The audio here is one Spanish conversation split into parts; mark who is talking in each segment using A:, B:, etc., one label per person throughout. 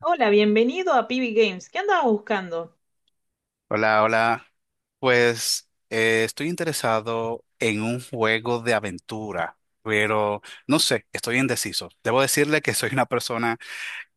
A: Hola, bienvenido a PB Games. ¿Qué andabas buscando?
B: Hola, hola. Pues estoy interesado en un juego de aventura, pero no sé, estoy indeciso. Debo decirle que soy una persona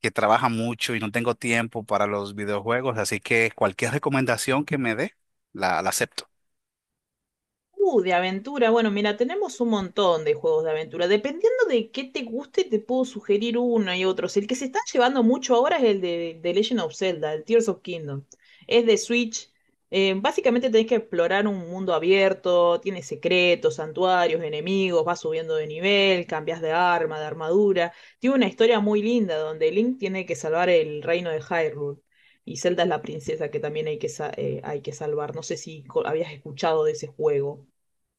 B: que trabaja mucho y no tengo tiempo para los videojuegos, así que cualquier recomendación que me dé, la acepto.
A: De aventura. Bueno, mira, tenemos un montón de juegos de aventura. Dependiendo de qué te guste, te puedo sugerir uno y otros. El que se está llevando mucho ahora es el de Legend of Zelda, el Tears of Kingdom. Es de Switch. Básicamente tenés que explorar un mundo abierto, tiene secretos, santuarios, enemigos, vas subiendo de nivel, cambias de arma, de armadura. Tiene una historia muy linda donde Link tiene que salvar el reino de Hyrule. Y Zelda es la princesa que también hay que, hay que salvar. No sé si habías escuchado de ese juego.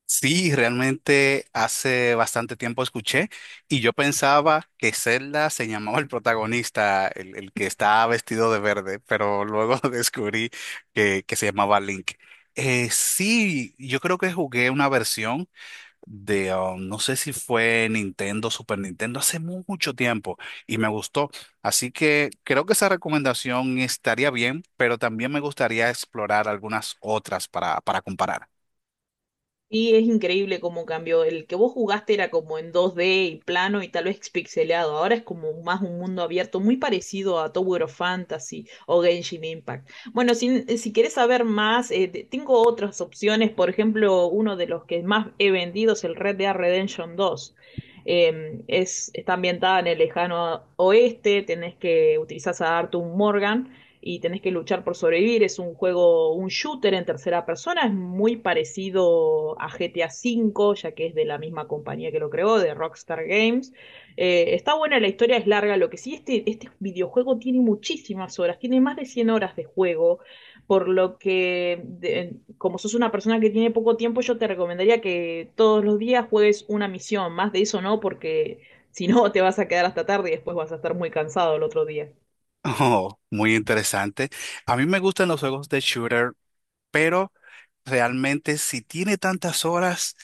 B: Sí, realmente hace bastante tiempo escuché y yo pensaba que Zelda se llamaba el protagonista, el que estaba vestido de verde, pero luego descubrí que se llamaba Link. Sí, yo creo que jugué una versión de, no sé si fue Nintendo, Super Nintendo, hace mucho tiempo y me gustó. Así que creo que esa recomendación estaría bien, pero también me gustaría explorar algunas otras para comparar.
A: Y es increíble cómo cambió. El que vos jugaste era como en 2D y plano y tal vez pixeleado. Ahora es como más un mundo abierto, muy parecido a Tower of Fantasy o Genshin Impact. Bueno, si querés saber más, tengo otras opciones. Por ejemplo, uno de los que más he vendido es el Red Dead Redemption 2. Está ambientada en el lejano oeste, tenés que utilizar a Arthur Morgan y tenés que luchar por sobrevivir. Es un juego, un shooter en tercera persona, es muy parecido a GTA V, ya que es de la misma compañía que lo creó, de Rockstar Games. Está buena, la historia es larga, lo que sí, este videojuego tiene muchísimas horas, tiene más de 100 horas de juego, por lo que, como sos una persona que tiene poco tiempo, yo te recomendaría que todos los días juegues una misión, más de eso no, porque... Si no, te vas a quedar hasta tarde y después vas a estar muy cansado el otro día.
B: Oh, muy interesante. A mí me gustan los juegos de shooter, pero realmente si tiene tantas horas,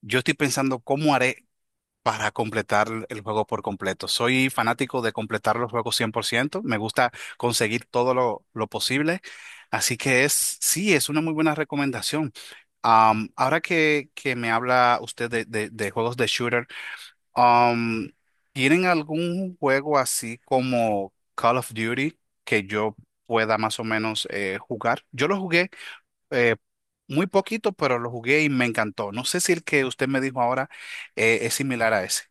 B: yo estoy pensando cómo haré para completar el juego por completo. Soy fanático de completar los juegos 100%. Me gusta conseguir todo lo posible, así que es, sí, es una muy buena recomendación. Ahora que me habla usted de juegos de shooter, Um, ¿tienen algún juego así como Call of Duty que yo pueda más o menos jugar? Yo lo jugué eh, muy poquito, pero lo jugué y me encantó. No sé si el que usted me dijo ahora es similar a ese.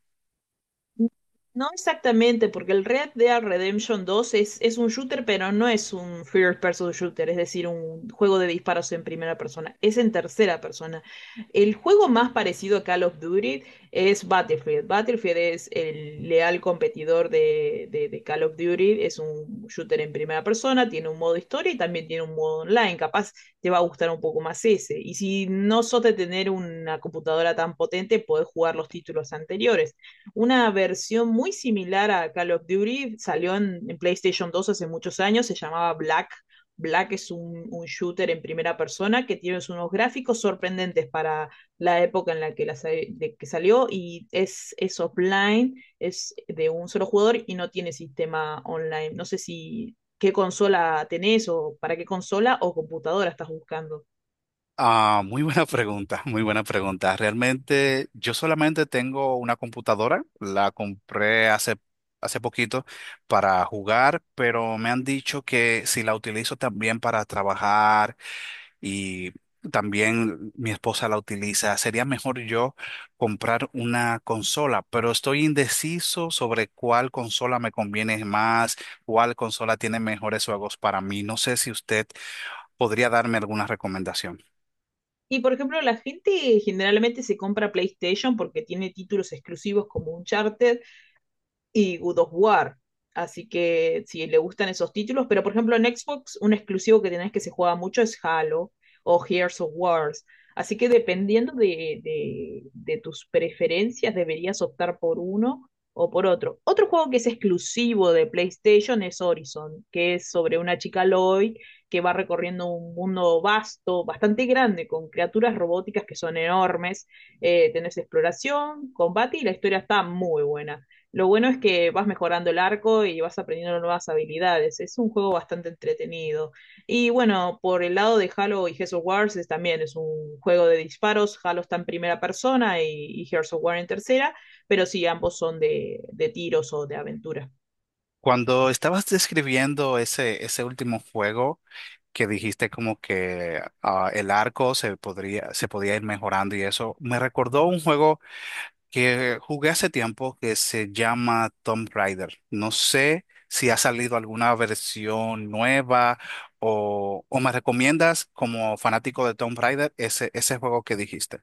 A: No exactamente, porque el Red Dead Redemption dos es un shooter, pero no es un first person shooter, es decir, un juego de disparos en primera persona, es en tercera persona. El juego más parecido a Call of Duty es Battlefield. Battlefield es el leal competidor de Call of Duty, es un shooter en primera persona, tiene un modo historia y también tiene un modo online, capaz te va a gustar un poco más ese. Y si no sos de tener una computadora tan potente, podés jugar los títulos anteriores una versión muy similar a Call of Duty, salió en PlayStation dos hace muchos años, se llamaba Black. Black es un shooter en primera persona que tiene unos gráficos sorprendentes para la época en la que salió y es offline, es de un solo jugador y no tiene sistema online. No sé si qué consola tenés o para qué consola o computadora estás buscando.
B: Ah, muy buena pregunta, muy buena pregunta. Realmente yo solamente tengo una computadora, la compré hace, hace poquito para jugar, pero me han dicho que si la utilizo también para trabajar y también mi esposa la utiliza. Sería mejor yo comprar una consola, pero estoy indeciso sobre cuál consola me conviene más, cuál consola tiene mejores juegos para mí. No sé si usted podría darme alguna recomendación.
A: Y por ejemplo, la gente generalmente se compra PlayStation porque tiene títulos exclusivos como Uncharted y God of War. Así que si le gustan esos títulos, pero por ejemplo en Xbox un exclusivo que tenés que se juega mucho es Halo o Gears of Wars. Así que dependiendo de tus preferencias deberías optar por uno o por otro. Otro juego que es exclusivo de PlayStation es Horizon, que es sobre una chica Lloyd que va recorriendo un mundo vasto, bastante grande, con criaturas robóticas que son enormes. Tenés exploración, combate y la historia está muy buena. Lo bueno es que vas mejorando el arco y vas aprendiendo nuevas habilidades. Es un juego bastante entretenido. Y bueno, por el lado de Halo y Gears of War también es un juego de disparos. Halo está en primera persona y Gears of War en tercera, pero sí, ambos son de tiros o de aventura.
B: Cuando estabas describiendo ese, ese último juego que dijiste como que ah, el arco se podría, se podía ir mejorando y eso, me recordó un juego que jugué hace tiempo que se llama Tomb Raider. No sé si ha salido alguna versión nueva o me recomiendas como fanático de Tomb Raider ese, ese juego que dijiste.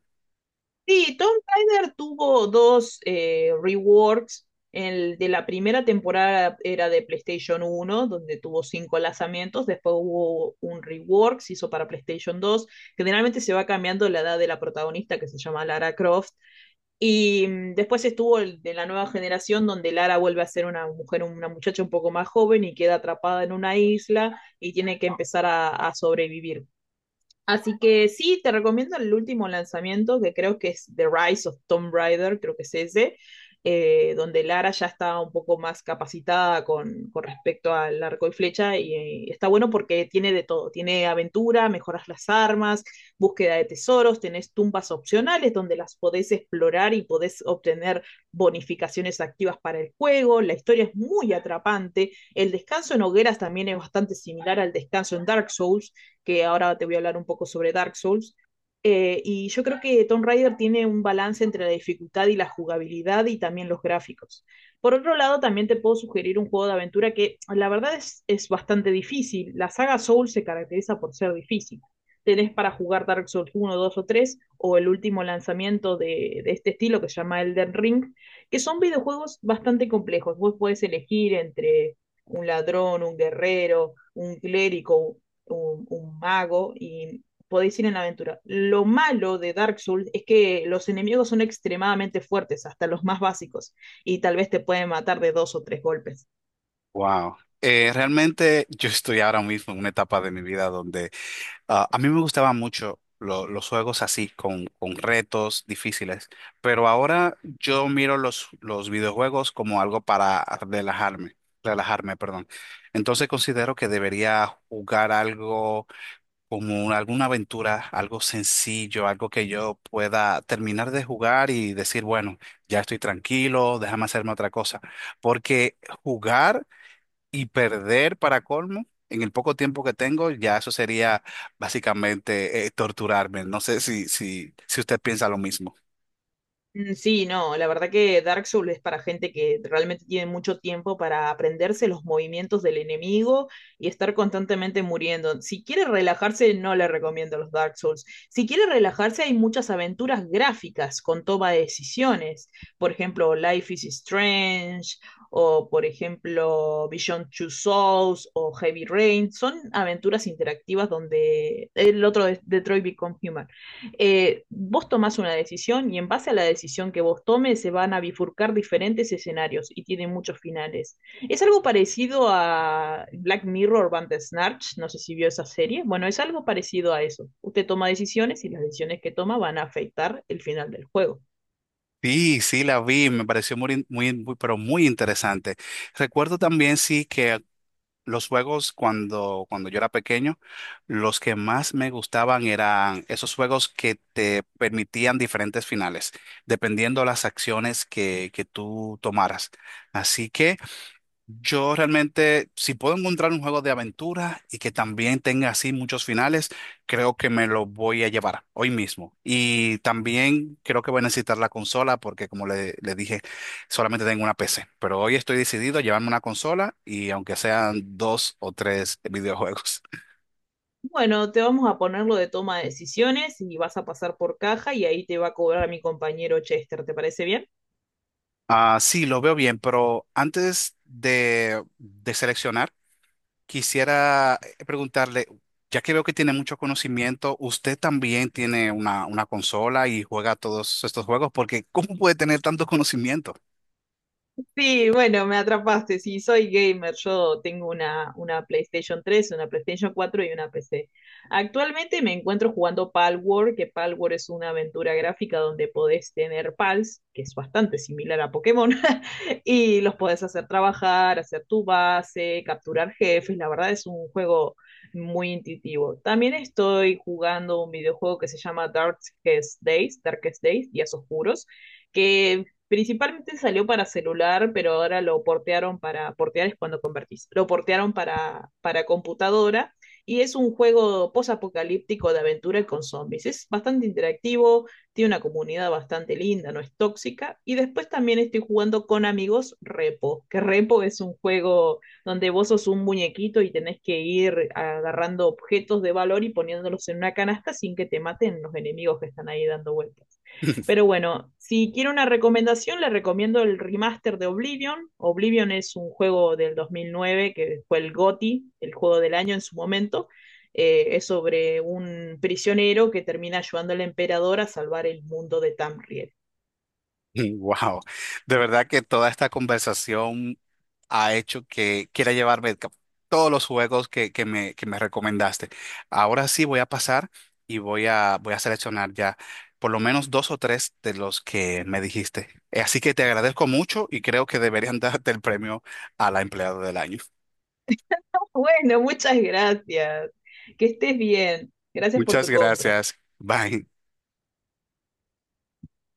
A: Sí, Tom Tyler tuvo dos reworks. El de la primera temporada era de PlayStation uno, donde tuvo cinco lanzamientos. Después hubo un rework, se hizo para PlayStation 2. Generalmente se va cambiando la edad de la protagonista, que se llama Lara Croft. Y después estuvo el de la nueva generación, donde Lara vuelve a ser una mujer, una muchacha un poco más joven y queda atrapada en una isla y tiene que empezar a sobrevivir. Así que sí, te recomiendo el último lanzamiento, que creo que es The Rise of Tomb Raider, creo que es ese, donde Lara ya está un poco más capacitada con respecto al arco y flecha, y, está bueno porque tiene de todo, tiene aventura, mejoras las armas, búsqueda de tesoros, tenés tumbas opcionales donde las podés explorar y podés obtener bonificaciones activas para el juego, la historia es muy atrapante, el descanso en hogueras también es bastante similar al descanso en Dark Souls, que ahora te voy a hablar un poco sobre Dark Souls. Y yo creo que Tomb Raider tiene un balance entre la dificultad y la jugabilidad y también los gráficos. Por otro lado, también te puedo sugerir un juego de aventura que la verdad es bastante difícil. La saga Souls se caracteriza por ser difícil. Tenés para jugar Dark Souls uno 2 o 3 o el último lanzamiento de este estilo que se llama Elden Ring, que son videojuegos bastante complejos. Vos podés elegir entre un ladrón, un guerrero, un clérigo, un mago y podéis ir en la aventura. Lo malo de Dark Souls es que los enemigos son extremadamente fuertes, hasta los más básicos, y tal vez te pueden matar de dos o tres golpes.
B: Wow. Realmente yo estoy ahora mismo en una etapa de mi vida donde ah, a mí me gustaban mucho los juegos así, con retos difíciles, pero ahora yo miro los videojuegos como algo para relajarme, relajarme, perdón. Entonces considero que debería jugar algo como alguna aventura, algo sencillo, algo que yo pueda terminar de jugar y decir, bueno, ya estoy tranquilo, déjame hacerme otra cosa, porque jugar y perder para colmo, en el poco tiempo que tengo, ya eso sería básicamente torturarme. No sé si usted piensa lo mismo.
A: Mm, sí, no, la verdad que Dark Souls es para gente que realmente tiene mucho tiempo para aprenderse los movimientos del enemigo y estar constantemente muriendo. Si quiere relajarse, no le recomiendo los Dark Souls. Si quiere relajarse, hay muchas aventuras gráficas con toma de decisiones. Por ejemplo, Life is Strange o, por ejemplo, Beyond Two Souls o Heavy Rain. Son aventuras interactivas donde el otro es Detroit Become Human. Vos tomás una decisión y en base a la decisión que vos tomes se van a bifurcar diferentes escenarios y tienen muchos finales. Es algo parecido a Black Mirror Bandersnatch, no sé si vio esa serie. Bueno, es algo parecido a eso. Usted toma decisiones y las decisiones que toma van a afectar el final del juego.
B: Sí, sí, la vi, me pareció muy, muy, muy, pero muy interesante. Recuerdo también, sí, que los juegos cuando yo era pequeño, los que más me gustaban eran esos juegos que te permitían diferentes finales, dependiendo las acciones que tú tomaras. Así que... Yo realmente, si puedo encontrar un juego de aventura y que también tenga así muchos finales, creo que me lo voy a llevar hoy mismo. Y también creo que voy a necesitar la consola porque, como le dije, solamente tengo una PC. Pero hoy estoy decidido a llevarme una consola y aunque sean dos o tres videojuegos.
A: Bueno, te vamos a ponerlo de toma de decisiones y vas a pasar por caja y ahí te va a cobrar a mi compañero Chester, ¿te parece bien?
B: Ah, sí, lo veo bien, pero antes de seleccionar, quisiera preguntarle, ya que veo que tiene mucho conocimiento, ¿usted también tiene una consola y juega todos estos juegos? Porque ¿cómo puede tener tanto conocimiento?
A: Sí, bueno, me atrapaste. Sí, soy gamer. Yo tengo una PlayStation tres, una PlayStation cuatro y una PC. Actualmente me encuentro jugando Palworld, que Palworld es una aventura gráfica donde podés tener pals, que es bastante similar a Pokémon, y los podés hacer trabajar, hacer tu base, capturar jefes. La verdad es un juego muy intuitivo. También estoy jugando un videojuego que se llama Darkest Days, Días Oscuros que principalmente salió para celular, pero ahora lo portearon para, portear es cuando convertís, lo portearon para computadora y es un juego posapocalíptico de aventura con zombies. Es bastante interactivo, tiene una comunidad bastante linda, no es tóxica. Y después también estoy jugando con amigos Repo, que Repo es un juego donde vos sos un muñequito y tenés que ir agarrando objetos de valor y poniéndolos en una canasta sin que te maten los enemigos que están ahí dando vueltas. Pero bueno, si quiero una recomendación, le recomiendo el remaster de Oblivion. Oblivion es un juego del 2009 que fue el GOTY, el juego del año en su momento. Es sobre un prisionero que termina ayudando al emperador a salvar el mundo de Tamriel.
B: Wow, de verdad que toda esta conversación ha hecho que quiera llevarme todos los juegos que me recomendaste. Ahora sí voy a pasar y voy a, voy a seleccionar ya por lo menos dos o tres de los que me dijiste. Así que te agradezco mucho y creo que deberían darte el premio a la empleada del año.
A: Bueno, muchas gracias. Que estés bien. Gracias por
B: Muchas
A: tu compra.
B: gracias. Bye.